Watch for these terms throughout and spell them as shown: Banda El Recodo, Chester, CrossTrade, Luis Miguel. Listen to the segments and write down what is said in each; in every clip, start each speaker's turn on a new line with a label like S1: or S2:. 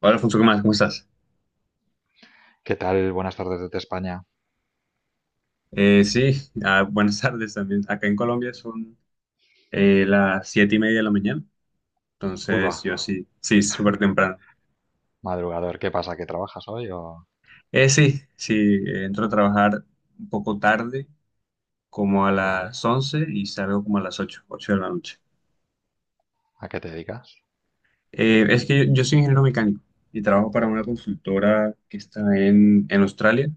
S1: Hola, Alfonso, ¿qué más? ¿Cómo estás?
S2: ¿Qué tal? Buenas tardes desde España.
S1: Eh, sí, buenas tardes también. Acá en Colombia son las siete y media de la mañana,
S2: Uy, va,
S1: entonces yo sí, sí, súper temprano.
S2: madrugador. ¿Qué pasa? ¿Que trabajas hoy o...?
S1: Sí, entro a trabajar un poco tarde, como a las
S2: Vale.
S1: once y salgo como a las ocho, ocho de la noche.
S2: ¿A qué te dedicas?
S1: Es que yo soy ingeniero mecánico y trabajo para una consultora que está en Australia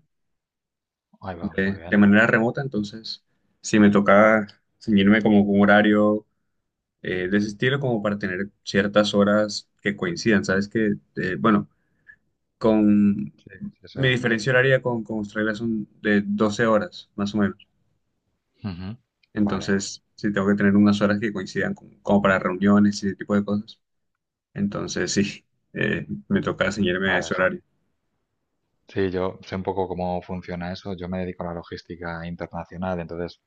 S2: Ahí va, muy
S1: de
S2: bien.
S1: manera remota, entonces sí me toca ceñirme como un horario de ese estilo como para tener ciertas horas que coincidan. Sabes que, con
S2: Sí, sí, sí.
S1: mi diferencia horaria con Australia son de 12 horas, más o menos.
S2: Ujú. Vale,
S1: Entonces, sí tengo que tener unas horas que coincidan como para reuniones y ese tipo de cosas. Entonces, sí, me toca ceñirme a ese
S2: vale, sí.
S1: horario.
S2: Sí, yo sé un poco cómo funciona eso. Yo me dedico a la logística internacional, entonces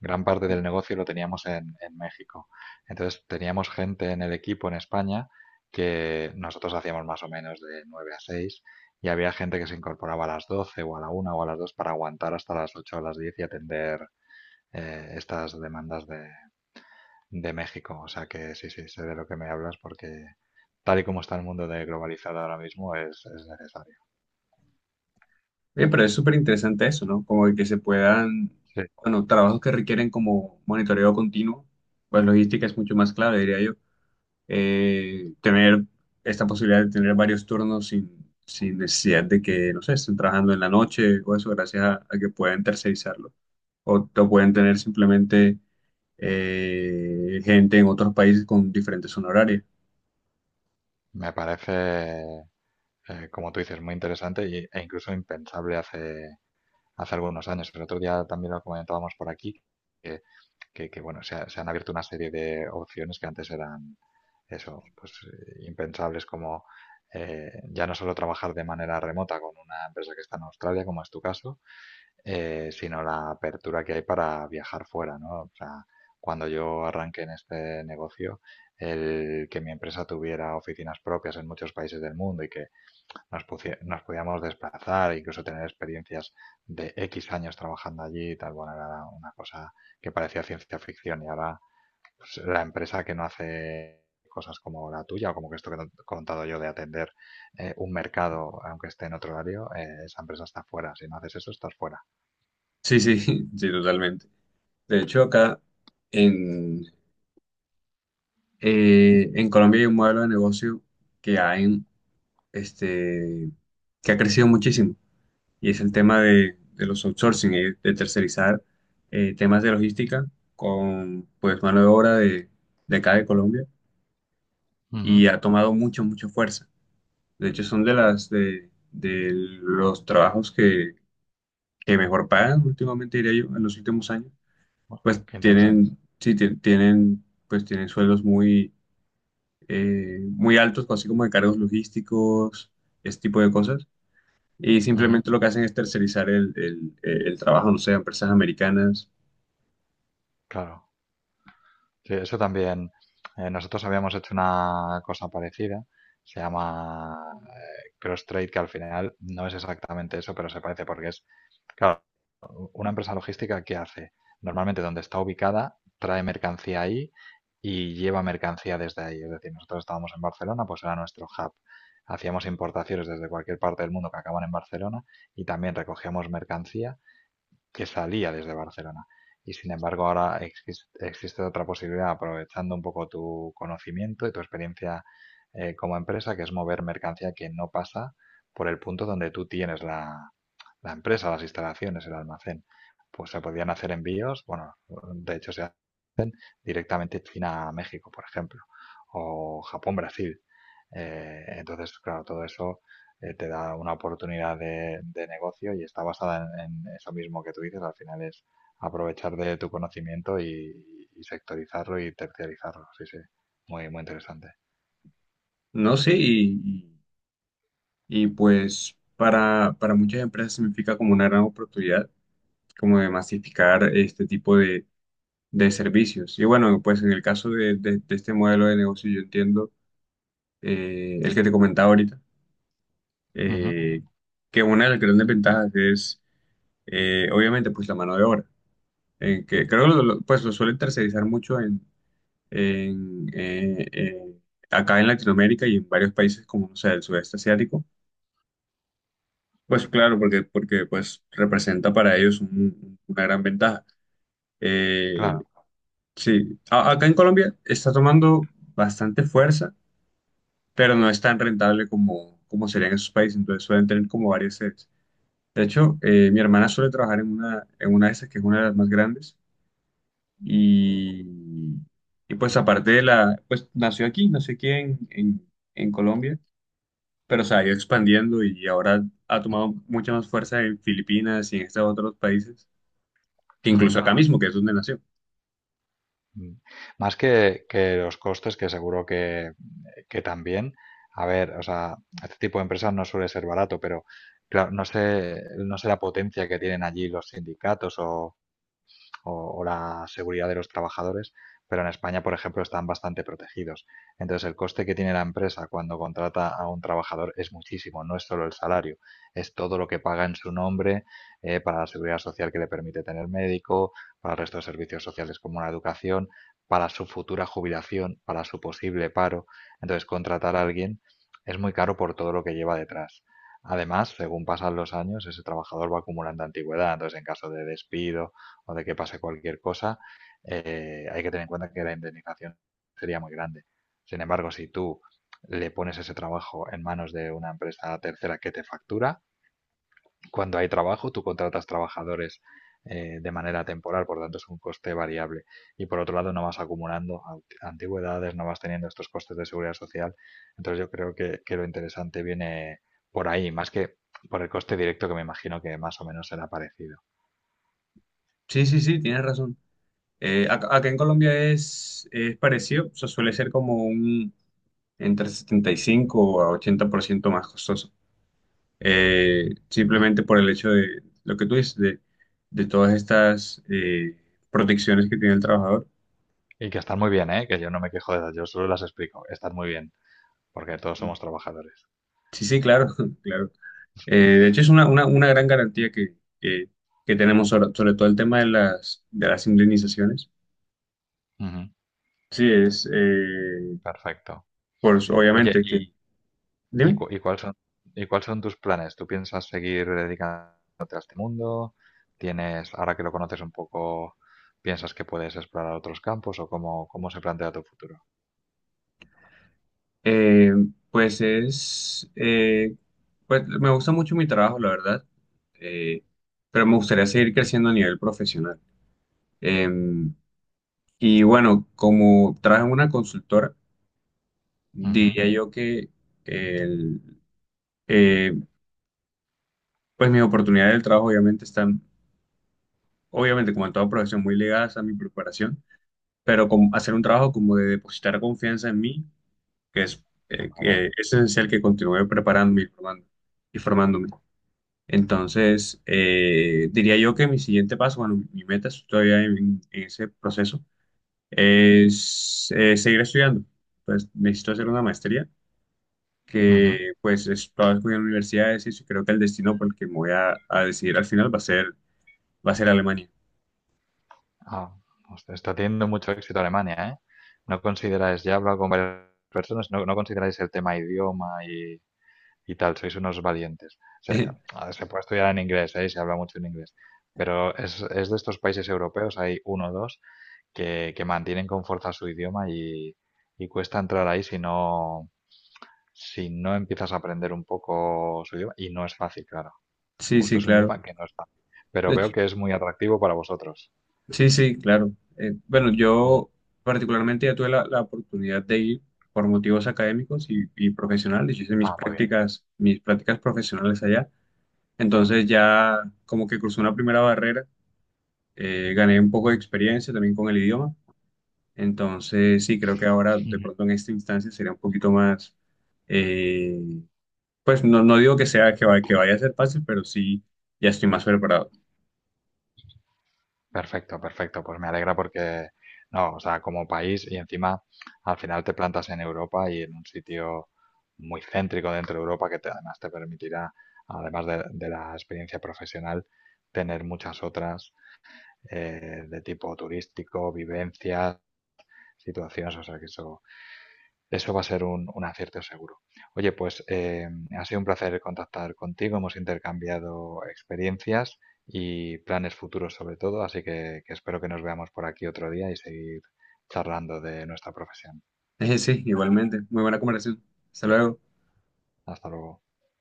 S2: gran parte del negocio lo teníamos en México. Entonces teníamos gente en el equipo en España que nosotros hacíamos más o menos de 9 a 6. Y había gente que se incorporaba a las 12 o a la 1 o a las 2 para aguantar hasta las 8 o las 10 y atender estas demandas de México. O sea que sí, sí, sé de lo que me hablas porque tal y como está el mundo de globalizado ahora mismo es necesario.
S1: Bien, pero es súper interesante eso, ¿no? Como de que se puedan,
S2: Sí,
S1: bueno, trabajos que requieren como monitoreo continuo, pues logística es mucho más clave, diría yo tener esta posibilidad de tener varios turnos sin necesidad de que, no sé, estén trabajando en la noche o eso, gracias a que pueden tercerizarlo. O lo pueden tener simplemente gente en otros países con diferentes zona horaria.
S2: me parece, como tú dices, muy interesante e incluso impensable hace algunos años. El otro día también lo comentábamos por aquí, que, que, bueno, se han abierto una serie de opciones que antes eran eso, pues, impensables . Ya no solo trabajar de manera remota con una empresa que está en Australia, como es tu caso, sino la apertura que hay para viajar fuera, ¿no? O sea, cuando yo arranqué en este negocio, el que mi empresa tuviera oficinas propias en muchos países del mundo y que nos pudiéramos desplazar, e incluso tener experiencias de X años trabajando allí y tal, bueno, era una cosa que parecía ciencia ficción y ahora pues, la empresa que no hace cosas como la tuya o como que esto que te he contado yo de atender un mercado aunque esté en otro horario, esa empresa está fuera. Si no haces eso, estás fuera.
S1: Sí, sí, sí, totalmente. De hecho, acá en, en Colombia hay un modelo de negocio que ha, en- este, que ha crecido muchísimo. Y es el tema de los outsourcing, de tercerizar temas de logística con pues mano de obra de acá de Colombia y ha tomado mucha mucha fuerza. De hecho, son de de, los trabajos que mejor pagan últimamente, diría yo, en los últimos años.
S2: Bueno,
S1: Pues
S2: qué interesante.
S1: tienen, sí, tienen, pues tienen sueldos muy, muy altos, así como de cargos logísticos, este tipo de cosas. Y
S2: Ujú,
S1: simplemente lo que hacen es tercerizar el trabajo, no sé, a empresas americanas.
S2: claro. Sí, eso también. Nosotros habíamos hecho una cosa parecida. Se llama CrossTrade, que al final no es exactamente eso, pero se parece porque es, claro, una empresa logística que hace normalmente donde está ubicada, trae mercancía ahí y lleva mercancía desde ahí. Es decir, nosotros estábamos en Barcelona, pues era nuestro hub. Hacíamos importaciones desde cualquier parte del mundo que acaban en Barcelona y también recogíamos mercancía que salía desde Barcelona. Y sin embargo, ahora existe otra posibilidad, aprovechando un poco tu conocimiento y tu experiencia como empresa, que es mover mercancía que no pasa por el punto donde tú tienes la empresa, las instalaciones, el almacén. Pues se podían hacer envíos, bueno, de hecho se directamente China-México, por ejemplo, o Japón-Brasil. Entonces, claro, todo eso te da una oportunidad de negocio y está basada en eso mismo que tú dices. Al final es aprovechar de tu conocimiento y sectorizarlo y terciarizarlo. Sí, sí, muy, muy interesante.
S1: No sé, y, pues para muchas empresas significa como una gran oportunidad, como de masificar este tipo de servicios. Y bueno, pues en el caso de este modelo de negocio, yo entiendo el que te comentaba ahorita,
S2: Ujú,
S1: eh, que una de las grandes ventajas es, obviamente, pues la mano de obra, en que creo que pues lo suelen tercerizar mucho en, eh, eh, acá en Latinoamérica y en varios países como, no sé, el sudeste asiático. Pues claro, porque pues representa para ellos una gran ventaja. Eh,
S2: claro.
S1: Acá en Colombia está tomando bastante fuerza, pero no es tan rentable como, como sería en esos países, entonces suelen tener como varias sedes. De hecho, mi hermana suele trabajar en una de esas, que es una de las más grandes, y, y pues aparte de la, pues nació aquí en Colombia, pero se ha ido expandiendo y ahora ha tomado mucha más fuerza en Filipinas y en estos otros países, que incluso
S2: Ujú.
S1: acá mismo, que es donde nació.
S2: Mm. Más que los costes, que seguro que también, a ver, o sea, este tipo de empresas no suele ser barato, pero claro, no sé, no sé la potencia que tienen allí los sindicatos o la seguridad de los trabajadores, pero en España, por ejemplo, están bastante protegidos. Entonces, el coste que tiene la empresa cuando contrata a un trabajador es muchísimo, no es solo el salario, es todo lo que paga en su nombre para la seguridad social que le permite tener médico, para el resto de servicios sociales como la educación, para su futura jubilación, para su posible paro. Entonces, contratar a alguien es muy caro por todo lo que lleva detrás. Además, según pasan los años, ese trabajador va acumulando antigüedad. Entonces, en caso de despido o de que pase cualquier cosa, hay que tener en cuenta que la indemnización sería muy grande. Sin embargo, si tú le pones ese trabajo en manos de una empresa tercera que te factura, cuando hay trabajo, tú contratas trabajadores de manera temporal, por tanto es un coste variable. Y por otro lado, no vas acumulando antigüedades, no vas teniendo estos costes de seguridad social. Entonces yo creo que lo interesante viene por ahí, más que por el coste directo que me imagino que más o menos será parecido.
S1: Sí, sí, sí, tienes razón. Acá, en Colombia es parecido, o sea, suele ser como un entre 75 a 80% más costoso.
S2: Mm.
S1: Simplemente por el hecho de lo que tú dices, de todas estas protecciones que tiene el trabajador.
S2: Y que están muy bien, ¿eh? Que yo no me quejo de ellas, yo solo las explico. Están muy bien, porque todos somos trabajadores.
S1: Sí, sí, claro, claro. De hecho, es una gran garantía que, que tenemos sobre, sobre todo el tema de las indemnizaciones.
S2: Ujú,
S1: Sí, es,
S2: perfecto.
S1: pues
S2: Oye,
S1: obviamente, que...
S2: y,
S1: Dime.
S2: cu- y cuáles son, y cuáles son tus planes? ¿Tú piensas seguir dedicándote a este mundo? ¿Tienes, ahora que lo conoces un poco, piensas que puedes explorar otros campos o cómo se plantea tu futuro?
S1: Eh, pues es, eh, pues me gusta mucho mi trabajo, la verdad, eh, pero me gustaría seguir creciendo a nivel profesional. Eh, y bueno, como trabajo en una consultora,
S2: Ujú,
S1: diría yo que el, eh, pues mis oportunidades del trabajo obviamente están, obviamente como en toda profesión, muy ligadas a mi preparación, pero como hacer un trabajo como de depositar confianza en mí, que
S2: vale.
S1: es esencial que continúe preparándome y y formándome. Entonces, diría yo que mi siguiente paso, bueno, mi meta, estoy todavía en ese proceso, es seguir estudiando. Pues necesito hacer una maestría
S2: Ujú.
S1: que pues estaba estudiando en universidades y creo que el destino por el que me voy a decidir al final va a ser Alemania.
S2: Ah, hostia, está teniendo mucho éxito Alemania, ¿eh? ¿No consideráis, ya he hablado con varias personas, no consideráis el tema idioma y tal, sois unos valientes. Se, a- se puede estudiar en inglés, ¿eh? Y se habla mucho en inglés, pero es de estos países europeos, hay uno o dos, que mantienen con fuerza su idioma y cuesta entrar ahí si no empiezas a aprender un poco su idioma, y no es fácil, claro.
S1: Sí,
S2: Justo
S1: sí,
S2: es un
S1: claro.
S2: idioma que no es fácil, pero
S1: De
S2: veo
S1: hecho,
S2: que es muy atractivo para vosotros.
S1: sí, sí, claro. Bueno,
S2: Ujú.
S1: yo particularmente ya tuve la oportunidad de ir por motivos académicos y profesionales. Yo hice
S2: Ah, muy
S1: mis prácticas profesionales allá. Entonces ya como que crucé una primera barrera, gané un poco de experiencia también con el idioma. Entonces sí, creo que ahora de
S2: bien.
S1: pronto en esta instancia sería un poquito más, eh, pues no, no digo que sea que, va- que vaya a ser fácil, pero sí, ya estoy más preparado.
S2: Perfecto, perfecto. Pues me alegra porque, no, o sea, como país y encima al final te plantas en Europa y en un sitio muy céntrico dentro de Europa además te permitirá, además de la experiencia profesional, tener muchas otras de tipo turístico, vivencias, situaciones, o sea que eso va a ser un acierto seguro. Oye, pues ha sido un placer contactar contigo, hemos intercambiado experiencias y planes futuros sobre todo, así que espero que nos veamos por aquí otro día y seguir charlando de nuestra profesión.
S1: Sí, igualmente. Muy buena conversación. Hasta luego.
S2: Hasta luego.